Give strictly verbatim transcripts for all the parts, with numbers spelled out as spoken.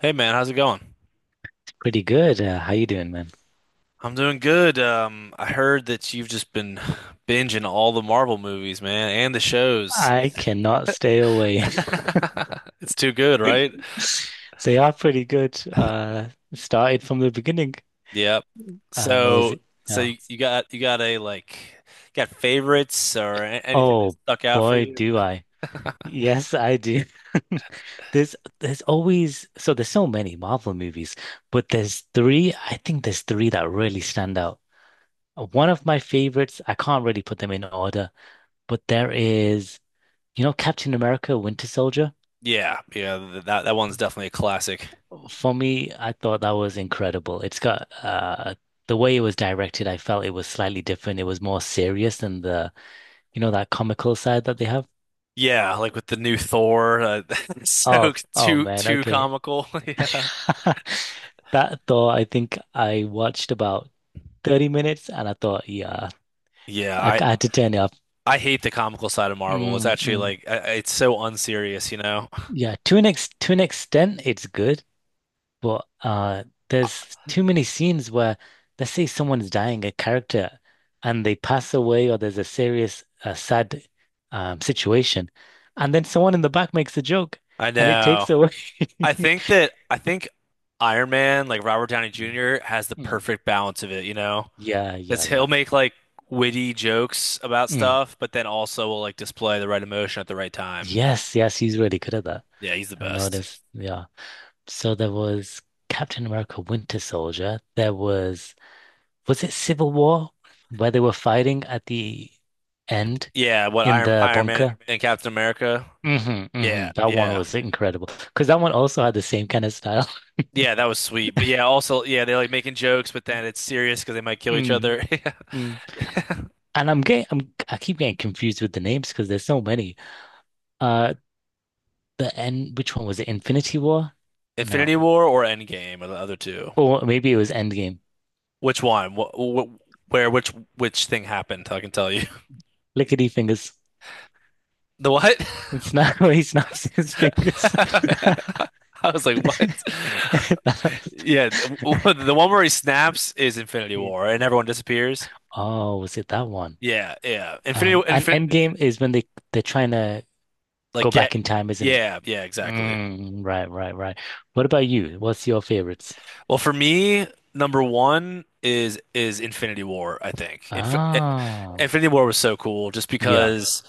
Hey man, how's it going? Pretty good. Uh, how you doing, man? I'm doing good. Um, I heard that you've just been binging all the Marvel movies, man, and the shows. I cannot stay away. It's too good, right? They are pretty good. Uh, started from the beginning. Yep. Um, what was So, So, it? so No. you you got you got a like got favorites or a- anything that Oh stuck out for boy, you? do I. Yes, I do. There's there's always so there's so many Marvel movies, but there's three, I think there's three that really stand out. Uh, One of my favorites, I can't really put them in order, but there is, you know, Captain America, Winter Soldier. Yeah, yeah, th- that that one's definitely a classic. For me, I thought that was incredible. It's got uh the way it was directed, I felt it was slightly different. It was more serious than the, you know, that comical side that they have. Yeah, like with the new Thor, uh, Oh, so oh too man, too okay. comical. Yeah. That though, I think I watched about thirty minutes and I thought, yeah, Yeah, I, I I had to turn it off. I hate the comical side of Marvel. It's Mm, actually mm. like I- it's so unserious, you know? Yeah, to an ex to an extent, it's good. But uh, there's too many scenes where, let's say, someone's dying, a character, and they pass away, or there's a serious, uh, sad um, situation, and then someone in the back makes a joke, I and it know. takes away. I think that I think Iron Man, like Robert Downey Mm. Junior, has the Mm. perfect balance of it, you know? Yeah, yeah, It's he'll yeah. make like witty jokes about Mm. stuff, but then also will like display the right emotion at the right time. Yes, yes, he's really good at that. Yeah, he's the I've best. noticed. Yeah. So there was Captain America Winter Soldier. There was, was it Civil War where they were fighting at the end Yeah, what in Iron the Iron Man bunker? and Captain America? Hmm. Hmm. Yeah, That one yeah. was incredible because that one also had the same kind of style. Yeah, that was sweet. But yeah, also yeah, they're like making jokes, but then it's serious because they might kill each Mm. other. Mm. Yeah. And I'm getting, I'm, I keep getting confused with the names because there's so many. Uh, the end, which one was it? Infinity War? No, Infinity War or Endgame or the other two? or maybe it was Endgame. Which one? What, what, where? Which which thing happened? I can tell you. Lickety fingers. The what? It's not where he snaps his fingers. I was like, what? Yeah, the the one where he snaps is Infinity War and everyone disappears. Oh, was it that one? Yeah, yeah. Infinity, Um, and infin Endgame is when they they're trying to like go get. back in time, isn't it? Yeah, yeah, exactly. Mm, right, right, right. What about you? What's your favorites? Well, for me, number one is is Infinity War, I think. Inf eh, Ah, Infinity War was so cool just yeah, because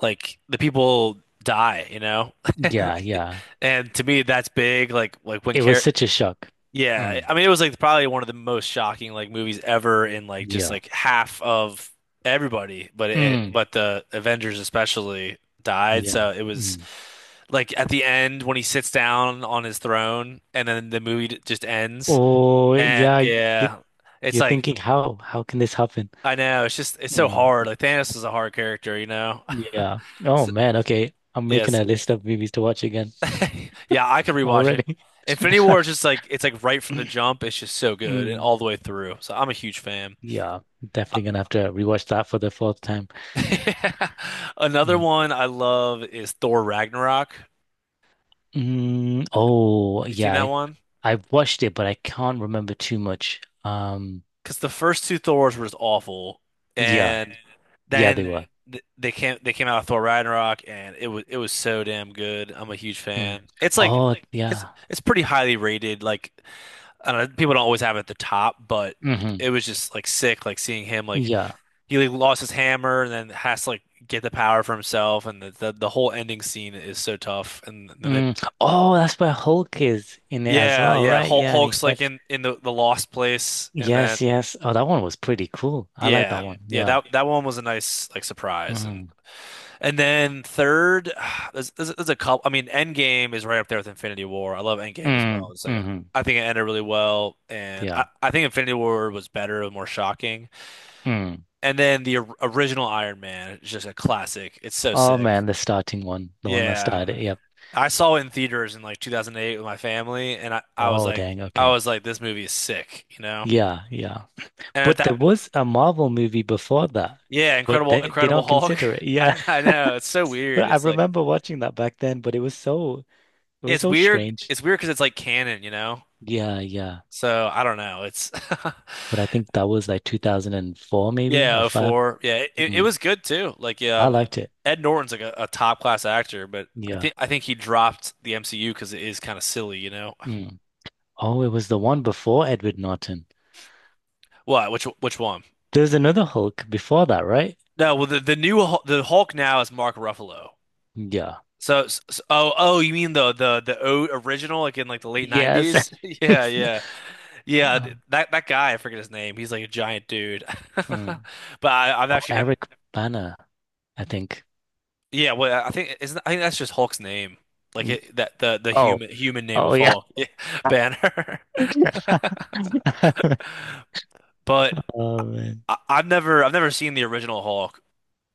like the people die, you know? yeah, yeah. And to me that's big like like when It was care such a shock. yeah, Mm, I mean it was like probably one of the most shocking like movies ever in like just yeah, like half of everybody, but it mm, but the Avengers especially died, yeah. so it was Mm. like at the end when he sits down on his throne and then the movie d- just ends Oh, and yeah. You, yeah, it's you're like thinking how how can this happen? I know it's just it's so hard. Mm, Like Thanos is a hard character, you know. yeah. Oh So- man. Okay, I'm making yes, a list of movies to watch again yeah, I could rewatch it. already. Infinity War is just like it's like right from the jump. It's just so good and Mm, all the way through. So I'm a huge fan. yeah, definitely gonna have to rewatch that for the fourth time. Uh, Another Mm. one I love is Thor Ragnarok. Have Mm, oh, you seen that yeah. one? I've watched it, but I can't remember too much. Um, because the first two Thors were just awful, yeah, and and yeah, they then were. th they came they came out of Thor Ragnarok, and it was it was so damn good. I'm a huge Mm, it's fan. It's like oh, like, it's yeah. it's pretty highly rated. Like I don't know, people don't always have it at the top, but Hmm. it was just like sick. Like seeing him like Yeah. he like lost his hammer and then has to like get the power for himself, and the the, the whole ending scene is so tough. And then they, Mm. Oh, that's where Hulk is in it as yeah well, yeah, yeah right? Yeah, Hulk, yeah, and he Hulk's like fights. in in the the lost place, and then. Yes, yes. Oh, that one was pretty cool. I like that Yeah. yeah. one. Yeah, Yeah. that that one was a nice like surprise and Mm. and then third there's, there's, there's a couple. I mean Endgame is right up there with Infinity War. I love Endgame as well. Mm. It's like Hmm. I think it ended really well and Yeah. I, I think Infinity War was better and more shocking. Mm. And then the or- original Iron Man is just a classic. It's so Oh sick. man, the starting one, the one that Yeah. started. Yep. I saw it in theaters in like two thousand eight with my family and I, I was Oh like dang. I Okay. was like this movie is sick, you know. Yeah. Yeah. And at But that there was a Marvel movie before that, yeah, but Incredible they they Incredible don't Hulk. consider it. I, Yeah. I know. It's so But weird. I It's like remember watching that back then, but it was so it was it's so weird. strange. It's weird because it's like canon, you know? Yeah, yeah. So I don't know. It's But I think that was like two thousand four maybe yeah, or oh five. 04. Yeah, it, it Mm. was good too. Like yeah, I um, liked it. Ed Norton's like a, a top class actor, but I Yeah. think I think he dropped the M C U because it is kind of silly, you know? Mm. Oh, it was the one before Edward Norton. What? Which which one? There was another Hulk before that, right? No, well the the new Hul- the Hulk now is Mark Ruffalo. Yeah. So, s oh oh, you mean the the the o original like in like the late Yes. nineties? Yeah, It's n- yeah. Yeah, uh, th- that that guy, I forget his name. He's like a giant dude. mm. But I, I've Oh, actually ne Eric Banner, I think. Yeah, well, I think isn't I think that's just Hulk's name, like Mm. it, that the the Oh, human human name oh of yeah. Hulk, yeah, Banner. But Oh man. I, I've never I've never seen the original Hulk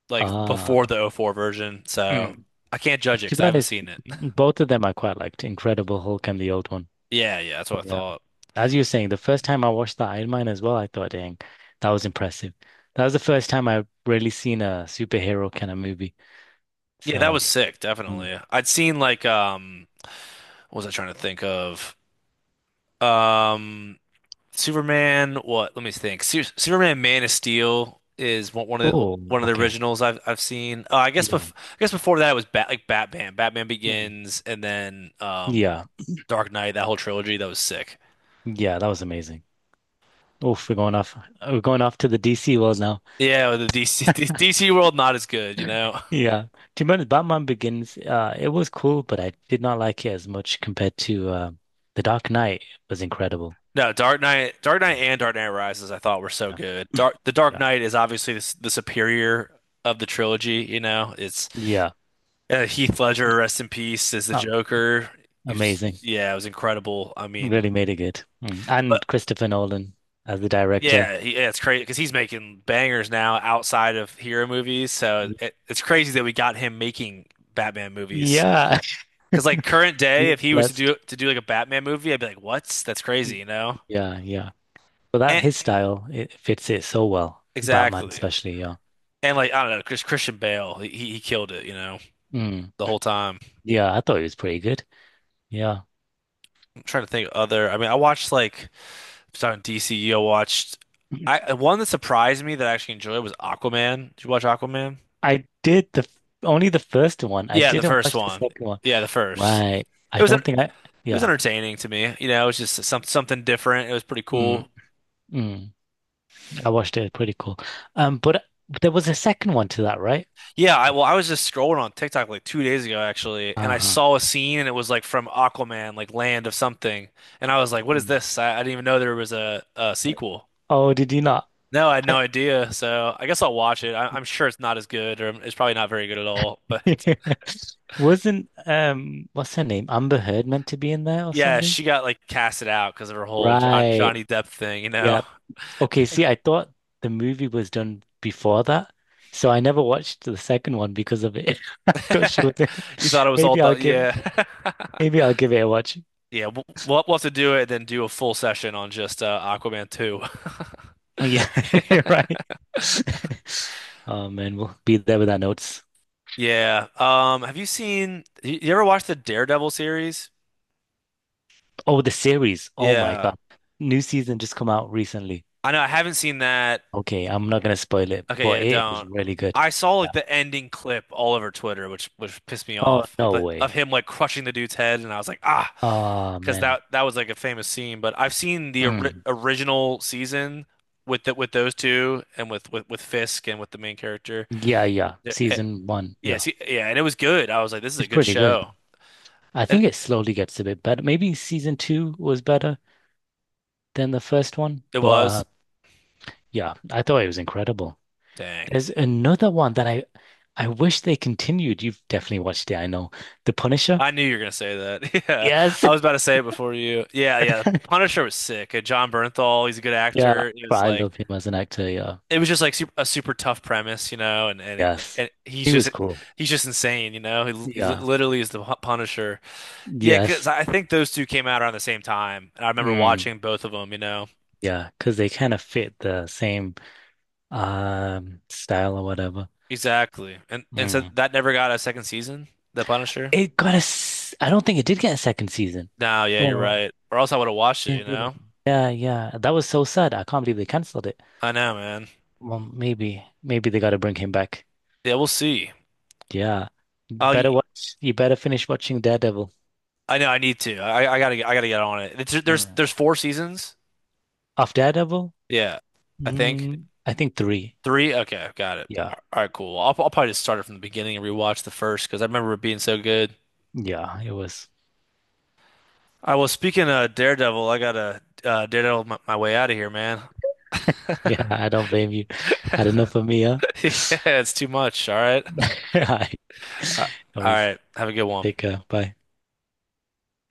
like before Ah. the O four version, so Mm. I can't judge it To because be I haven't honest, seen it. both of them I quite liked, Incredible Hulk and the old one. Yeah, yeah, that's what I But yeah, thought. as you were saying, the first time I watched the Iron Man as well, I thought, dang, that was impressive. That was the first time I've really seen a superhero kind of movie. Yeah, that So, was sick, mm. definitely. I'd seen like um, what was I trying to think of? Um, Superman, what? Let me think. Su Superman Man of Steel is one, one of the Oh, one of the okay. originals I've I've seen. Uh, I guess Yeah. bef I guess before that it was Bat like Batman, Batman Mm. Begins, and then um Yeah. Dark Knight. That whole trilogy that was sick. Yeah, that was amazing. Oof, we're going off. We're going off to the D C world now. Yeah, the D C D C world not as good, you know. Yeah. To be honest, Batman Begins, uh, it was cool, but I did not like it as much compared to uh, the Dark Knight was incredible. No, Dark Knight, Dark Mm. Knight and Dark Knight Rises I thought were so Yeah. good. Dark the Dark Yeah. Knight is obviously the, s- the superior of the trilogy, you know. It's Yeah. Uh, Heath Ledger, rest in peace, as the Um, Joker. He was, amazing. yeah, it was incredible. I mean, Really made it good. Mm. but And Christopher Nolan as the director. yeah, he, yeah, it's crazy because he's making bangers now outside of hero movies. So Y- it, it's crazy that we got him making Batman movies. Yeah. Because like current day, if Being he was to Blessed. do to do like a Batman movie, I'd be like, what? That's crazy, you know? Yeah, yeah. But that And his style, it fits it so well. Batman exactly. especially, yeah. And like I don't know, Chris, Christian Bale, he he he killed it, you know, Mm. the whole time. Yeah, I thought it was pretty good. Yeah. I'm trying to think of other. I mean, I watched like. So in D C U, watched I one that surprised me that I actually enjoyed was Aquaman. Did you watch Aquaman? I did the f- only the first one. I Yeah, the didn't first watch the one. second one. Yeah, the first. Right. It I was en- don't think I it was yeah. entertaining to me. You know, it was just some something different. It was pretty Mm, cool. mm. I watched it. Pretty cool. Um, but there was a second one to that, right? Yeah, I well, I was just scrolling on TikTok like two days ago actually, and I Uh-huh. saw a scene and it was like from Aquaman, like Land of Something, and I was like, "What is Mm. this?" I, I didn't even know there was a, a sequel. Oh, did you not? No, I had no I, idea. So I guess I'll watch it. I, I'm sure it's not as good, or it's probably not very good at all. But wasn't um what's her name? Amber Heard meant to be in there or yeah, something? she got like casted out because of her whole John, Right. Johnny Depp thing, you Yeah. know. Okay, see, I thought the movie was done before that, so I never watched the second one because of it. I thought she was in it. You thought it was all Maybe I'll done. give it Yeah. maybe I'll give it a watch. Yeah, we'll, we'll we'll have to do it and then do a full session on just uh, Aquaman two. Yeah, you're right. Oh man, we'll be there with our notes. Yeah. Um, have you seen you you ever watched the Daredevil series? Oh, the series. Oh my Yeah. God. New season just come out recently. I know I haven't seen that. Okay, I'm not gonna spoil it, Okay, but yeah, it is don't. really good. I saw Yeah. like the ending clip all over Twitter, which which pissed me Oh, off of no the, way. of him like crushing the dude's head, and I was like, ah, Ah because man. that that was like a famous scene. But I've seen the ori Mm. original season with the, with those two and with, with with Fisk and with the main character. Yeah, yeah. The- eh, Season one. Yeah. Yes, y- yeah, and it was good. I was like, this is a It's good pretty good. show, I and think it slowly gets a bit better. Maybe season two was better than the first one, it but was. uh, yeah, I thought it was incredible. Dang, There's another one that I I wish they continued. You've definitely watched it, I know. The Punisher. I knew you were gonna say that. Yeah, Yes. I was about to say it before you. Yeah, yeah, Punisher was sick. And John Bernthal, he's a good Yeah, actor. He but was I like. love him as an actor. Yeah. It was just like super, a super tough premise, you know, and and, Yes. and he's He just was cool. he's just insane, you know. He, li- he li- Yeah. literally is the Pu- Punisher. Yeah, because Yes. I think those two came out around the same time, and I remember Mm, watching both of them, you know. yeah. Because they kind of fit the same um style or whatever. Exactly, and and so Mm. that never got a second season, The Punisher. It got a s I don't think it did get a second season. No, yeah, you're Oh, right. Or else I would have watched it, you Didn't- didn't. know. Yeah, yeah. That was so sad. I can't believe they canceled it. I know, man. Well, maybe maybe they got to bring him back. Yeah, we'll see. Yeah. Oh, Better I watch you better finish watching Daredevil. know. I need to. I I gotta get- I gotta get on it. It's, there's Mm. there's four seasons. Of Daredevil? Yeah, I think. Mm, I think three. Three? Okay, got it. Yeah. All right, cool. I'll, I'll probably just start it from the beginning and rewatch the first because I remember it being so good. Yeah, it was. I was speaking of Daredevil, I gotta uh, Daredevil my, my way out of here, man. Yeah, I don't blame you. Had enough of me, huh? Yeah, it's too much. All right. All right. Uh, No all worries. right. Have a good one. Take care. Bye.